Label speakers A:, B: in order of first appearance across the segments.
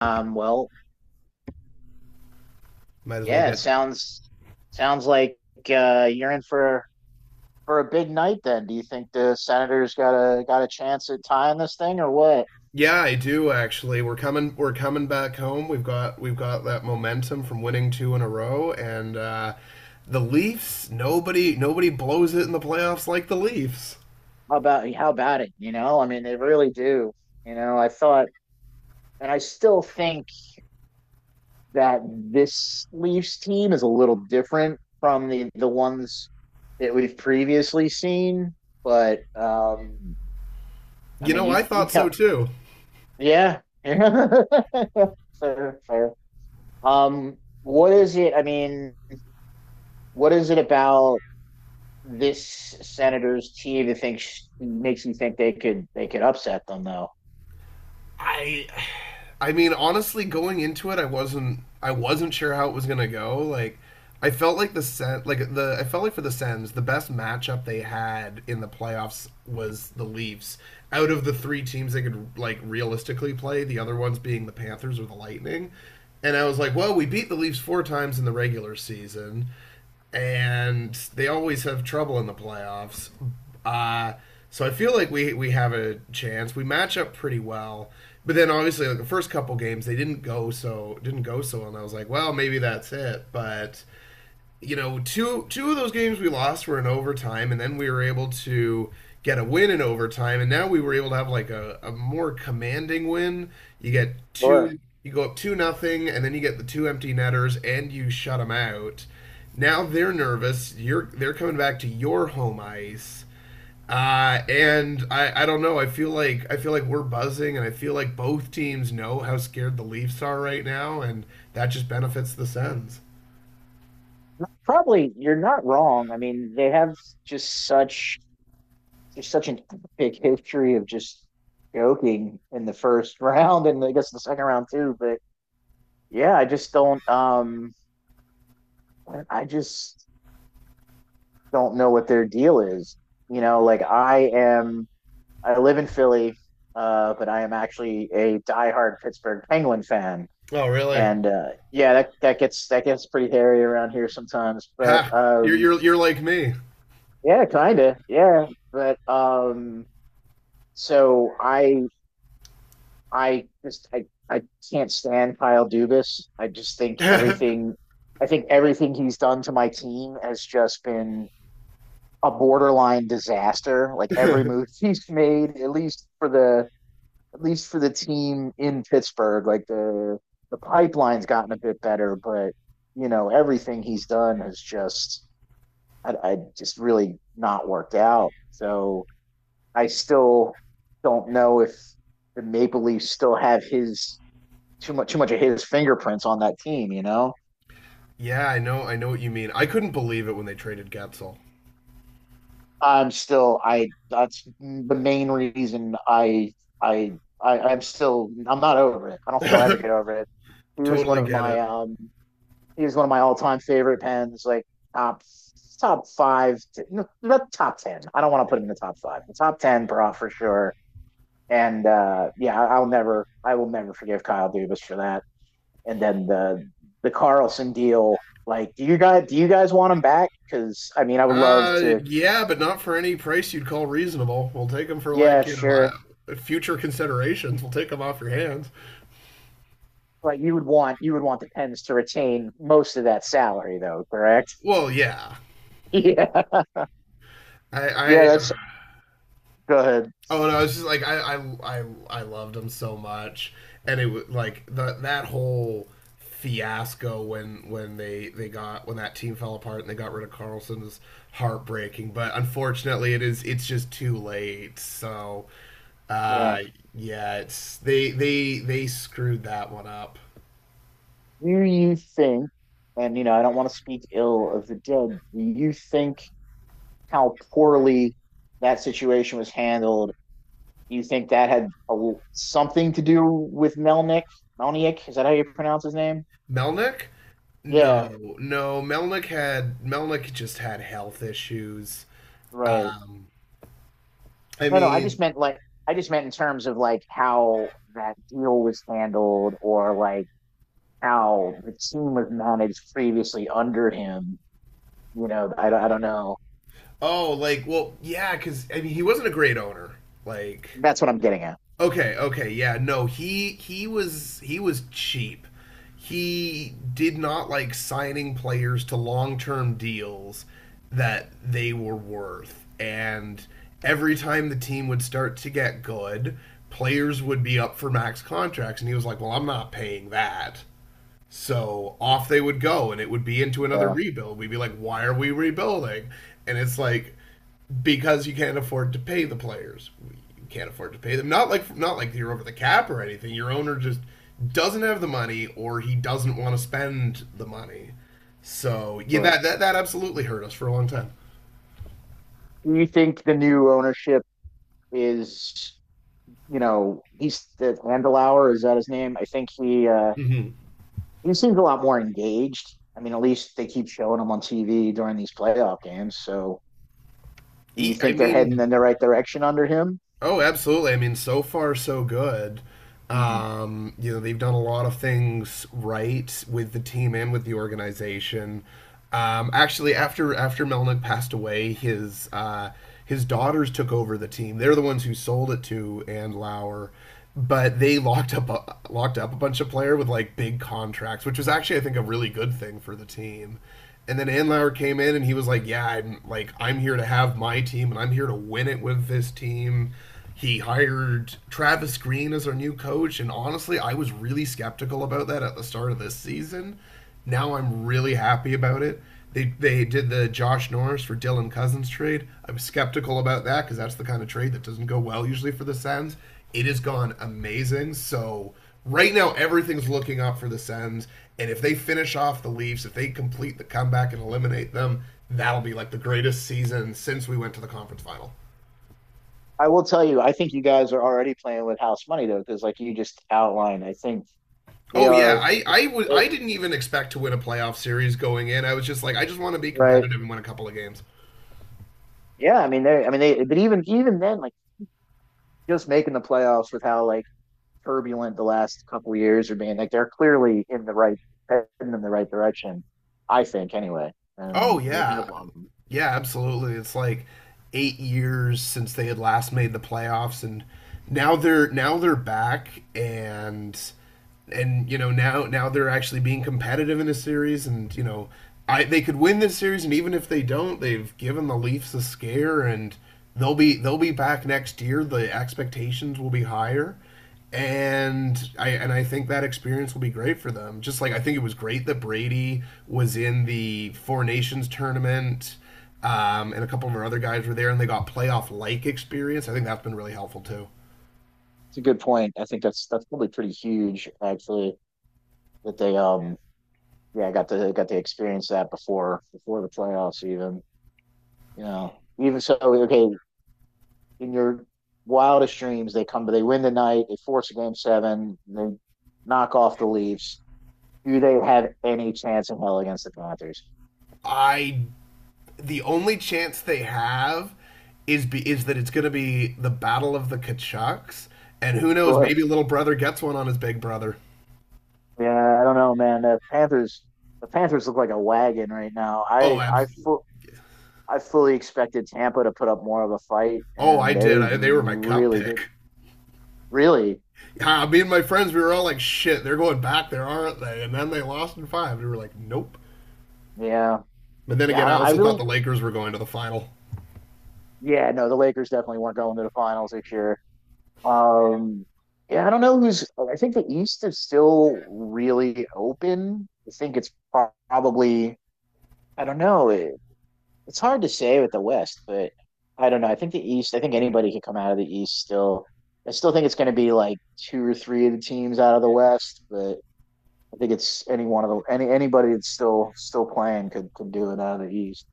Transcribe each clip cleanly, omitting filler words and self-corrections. A: Um, well,
B: Might as well
A: yeah, it
B: get.
A: sounds sounds like you're in for a big night then. Do you think the Senators got a chance at tying this thing or what?
B: Yeah, I do actually. We're coming. We're coming back home. We've got that momentum from winning two in a row, and the Leafs. Nobody blows it in the playoffs like the Leafs.
A: How about it? I mean, they really do. You know, I thought and I still think that this Leafs team is a little different from the ones that we've previously seen, but I
B: You
A: mean,
B: know, I
A: you
B: thought so
A: tell
B: too.
A: yeah. Fair, fair. Um, what is it? I mean, what is it about this Senators team that thinks makes you think they could upset them though?
B: I I mean honestly going into it I wasn't sure how it was going to go, like I felt like the Sen- like the I felt like for the Sens the best matchup they had in the playoffs was the Leafs, out of the three teams they could like realistically play, the other ones being the Panthers or the Lightning. And I was like, well, we beat the Leafs four times in the regular season, and they always have trouble in the playoffs. Uh, so I feel like we have a chance. We match up pretty well, but then obviously like the first couple games they didn't go so well, and I was like, well, maybe that's it. But you know, two of those games we lost were in overtime, and then we were able to get a win in overtime, and now we were able to have like a more commanding win. You get
A: Or
B: two, you go up two nothing, and then you get the two empty netters, and you shut them out. Now they're nervous. You're They're coming back to your home ice. And I don't know. I feel like we're buzzing, and I feel like both teams know how scared the Leafs are right now, and that just benefits the Sens.
A: probably you're not wrong. I mean, they have just such just such an epic history of just joking in the first round and I guess the second round too. But yeah, I just don't. I just don't know what their deal is. You know, like I live in Philly, but I am actually a diehard Pittsburgh Penguin fan.
B: Oh, really?
A: And yeah, that gets pretty hairy around here sometimes. But
B: Ha! You're
A: um,
B: you're you're like me.
A: yeah, kinda, yeah. But so I just I can't stand Kyle Dubas. I just
B: Yeah,
A: I think everything he's done to my team has just been a borderline disaster. Like every move he's made, at least for the team in Pittsburgh, like the pipeline's gotten a bit better, but you know everything he's done has just I just really not worked out. So I still don't know if the Maple Leafs still have his too much of his fingerprints on that team. You know,
B: I know. I know what you mean. I couldn't believe it when they traded Getzel.
A: I'm still I that's the main reason I. I, I'm still I'm not over it. I don't think I'll ever get over it. Here's one
B: Totally
A: of
B: get it.
A: my He's one of my all-time favorite pens, like top top five, no, not top ten. I don't want to put him in the top five. The top ten, bro, for sure. And yeah, I will never forgive Kyle Dubas for that. And then the Carlson deal, like, do you guys want him back? Because I mean, I would love to.
B: Yeah, but not for any price you'd call reasonable. We'll take them for,
A: Yeah,
B: like, you know,
A: sure.
B: future considerations. We'll take them off your hands.
A: Like you would want the Pens to retain most of that salary, though, correct?
B: Well, yeah.
A: Yeah,
B: I,
A: yeah.
B: I
A: That's go ahead.
B: Oh no, it's just like I loved him so much, and it was like the that whole fiasco when they got when that team fell apart and they got rid of Carlson is heartbreaking. But unfortunately, it's just too late. So,
A: Yeah.
B: uh, yeah, it's they screwed that one up.
A: Do you think, and you know, I don't want to speak ill of the dead, do you think how poorly that situation was handled? Do you think that had something to do with Melnick? Melnick, is that how you pronounce his name?
B: Melnick.
A: Yeah,
B: No, no. Melnick just had health issues.
A: right.
B: Um, I
A: No, no, I
B: mean,
A: just meant like, I just meant in terms of like how that deal was handled or like how the team was managed previously under him. You know, I don't know.
B: Oh, like, well, yeah, because I mean, he wasn't a great owner. Like,
A: That's what I'm getting at.
B: okay, okay, yeah, no, he was cheap. He did not like signing players to long term deals that they were worth, and every time the team would start to get good, players would be up for max contracts, and he was like, "Well, I'm not paying that." So off they would go, and it would be into another
A: Yeah,
B: rebuild. We'd be like, why are we rebuilding? And it's like because you can't afford to pay the players. You can't afford to pay them. Not like you're over the cap or anything. Your owner just doesn't have the money, or he doesn't want to spend the money. So yeah,
A: sure.
B: that absolutely hurt us for a long time.
A: Do you think the new ownership is, you know, he's the Handelauer, is that his name? I think
B: Mm-hmm.
A: he seems a lot more engaged. I mean, at least they keep showing him on TV during these playoff games. So do you
B: E- I
A: think they're heading
B: mean,
A: in the right direction under him?
B: Oh, absolutely. I mean, so far so good.
A: Mm.
B: You know, they've done a lot of things right with the team and with the organization. Actually, after Melnick passed away, his daughters took over the team. They're the ones who sold it to and Lauer, but they locked up a bunch of player with like big contracts, which was actually I think a really good thing for the team. And then Anlauer came in and he was like, "Yeah, I'm here to have my team and I'm here to win it with this team." He hired Travis Green as our new coach, and honestly, I was really skeptical about that at the start of this season. Now I'm really happy about it. They did the Josh Norris for Dylan Cousins trade. I was skeptical about that because that's the kind of trade that doesn't go well usually for the Sens. It has gone amazing. So right now everything's looking up for the Sens. And if they finish off the Leafs, if they complete the comeback and eliminate them, that'll be like the greatest season since we went to the conference final.
A: I will tell you, I think you guys are already playing with house money though, because like you just outlined, I think they
B: Oh yeah,
A: are,
B: I didn't even expect to win a playoff series going in. I was just like, I just want to be
A: right?
B: competitive and win a couple of games.
A: Yeah, I mean they, but even even then, like. Just making the playoffs with how like turbulent the last couple years are being. Like they're clearly in the heading in the right direction, I think anyway.
B: Oh
A: And they
B: yeah,
A: have
B: yeah, absolutely. It's like 8 years since they had last made the playoffs, and now they're back, and you know, now they're actually being competitive in a series, and you know, I they could win this series, and even if they don't, they've given the Leafs a scare, and they'll be back next year. The expectations will be higher, and I think that experience will be great for them. Just like I think it was great that Brady was in the Four Nations tournament, and a couple of our other guys were there, and they got playoff like experience. I think that's been really helpful too.
A: It's a good point. I think that's probably pretty huge actually that they yeah, got to experience that before the playoffs even. You know, even so okay, in your wildest dreams they come but they win tonight, they force a game seven, they knock off the Leafs. Do they have any chance in hell against the Panthers?
B: I The only chance they have is that it's going to be the battle of the Kachucks, and who knows,
A: Sure.
B: maybe little brother gets one on his big brother.
A: Yeah, I don't know, man. The Panthers look like a wagon right now.
B: Oh, absolutely.
A: I fully expected Tampa to put up more of a fight,
B: Oh,
A: and
B: I did.
A: they
B: They were my cup
A: really did.
B: pick.
A: Really,
B: Yeah, me and my friends, we were all like, "Shit, they're going back there, aren't they?" And then they lost in five. We were like, "Nope."
A: yeah,
B: But then
A: yeah.
B: again,
A: I
B: I
A: don't. I
B: also thought
A: really,
B: the Lakers were going to the final.
A: yeah. No, the Lakers definitely weren't going to the finals this year. Um, yeah, I don't know who's. I think the East is still really open. I think it's probably. I don't know. It's hard to say with the West, but I don't know. I think the East, I think anybody can come out of the East still. I still think it's going to be like two or three of the teams out of the West, but I think it's any one of the anybody that's still playing could do it out of the East.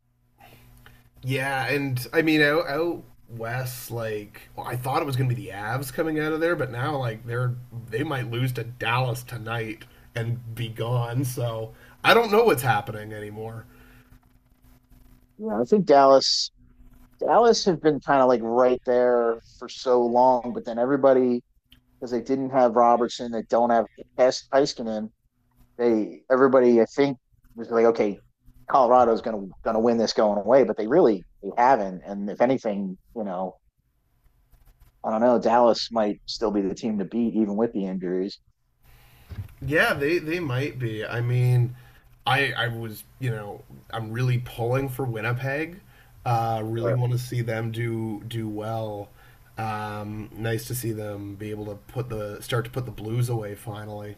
B: Yeah, and I mean out west, like, well, I thought it was going to be the Avs coming out of there, but now like they're they might lose to Dallas tonight and be gone. So I don't know what's happening anymore.
A: Yeah, I think Dallas have been kind of like right there for so long, but then everybody because they didn't have Robertson, they don't have Heiskanen, they everybody I think was like, okay, Colorado's gonna win this going away, but they haven't. And if anything, you know, I don't know, Dallas might still be the team to beat even with the injuries.
B: Yeah, they might be. I mean, I was you know, I'm really pulling for Winnipeg. Really
A: Sure.
B: want to see them do well. Nice to see them be able to put the Blues away finally.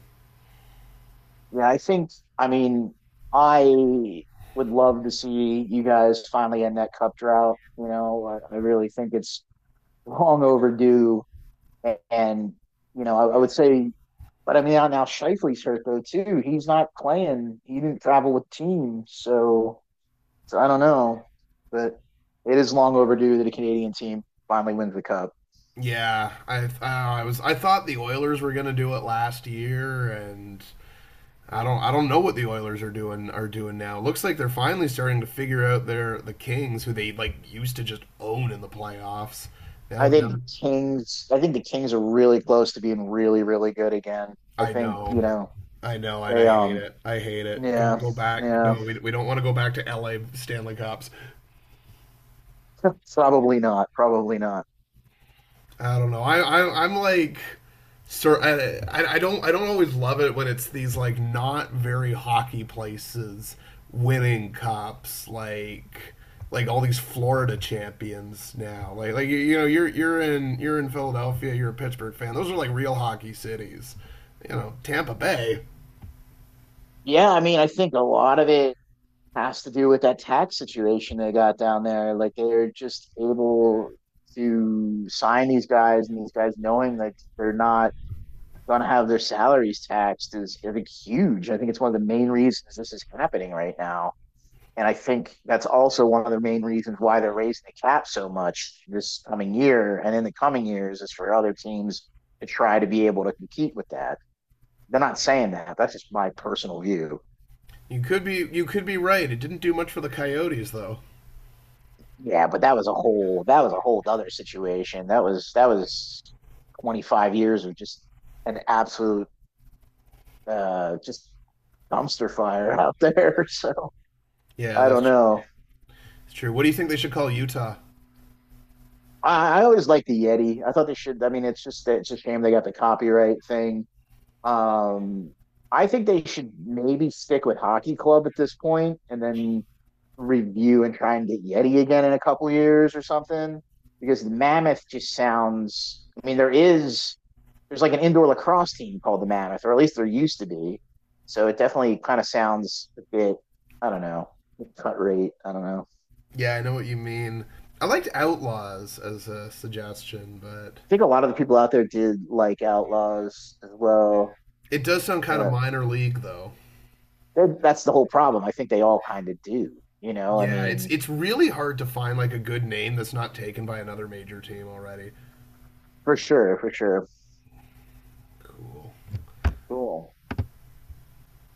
A: Yeah, I think I mean I would love to see you guys finally end that cup drought. You know, I really think it's long overdue. And, you know, would say, but I mean, now Shifley's hurt though too. He's not playing. He didn't travel with team, so so I don't know, but it is long overdue that a Canadian team finally wins the cup.
B: Yeah, I thought the Oilers were gonna do it last year, and I don't know what the Oilers are doing now. Looks like they're finally starting to figure out the Kings, who they like used to just own in the playoffs. Now now
A: I think the Kings are really close to being really, really good again. I
B: I
A: think
B: know.
A: you know
B: I know, and
A: they.
B: I hate it. I hate it.
A: Yeah.
B: Go back.
A: Yeah.
B: No, we don't want to go back to LA Stanley Cups.
A: Probably not. Probably not.
B: I don't know. I'm like, sir. I don't always love it when it's these like not very hockey places winning cups. Like all these Florida champions now. Like you know, you're in Philadelphia. You're a Pittsburgh fan. Those are like real hockey cities. You know, Tampa Bay.
A: Yeah. I mean, I think a lot of it has to do with that tax situation they got down there. Like they're just able to sign these guys, and these guys knowing that they're not going to have their salaries taxed is I think huge. I think it's one of the main reasons this is happening right now. And I think that's also one of the main reasons why they're raising the cap so much this coming year and in the coming years is for other teams to try to be able to compete with that. They're not saying that. That's just my personal view.
B: You could be right. It didn't do much for the Coyotes though.
A: Yeah, but that was a whole other situation. That was 25 years of just an absolute just dumpster fire out there. So
B: Yeah,
A: I don't know.
B: that's true. What do you think they should call Utah?
A: I always liked the Yeti. I thought they should. I mean, it's just it's a shame they got the copyright thing. Um, I think they should maybe stick with Hockey Club at this point, and then review and try and get Yeti again in a couple years or something. Because the Mammoth just sounds. I mean, there is there's like an indoor lacrosse team called the Mammoth, or at least there used to be. So it definitely kind of sounds a bit. I don't know cut rate. I don't know. I
B: Yeah, I know what you mean. I liked Outlaws as a suggestion, but
A: think a lot of the people out there did like Outlaws as well.
B: it does sound kind of
A: But
B: minor league though.
A: that's the whole problem. I think they all kind of do. You know, I
B: Yeah,
A: mean,
B: it's really hard to find like a good name that's not taken by another major team already.
A: for sure, for sure.
B: Cool.
A: Cool.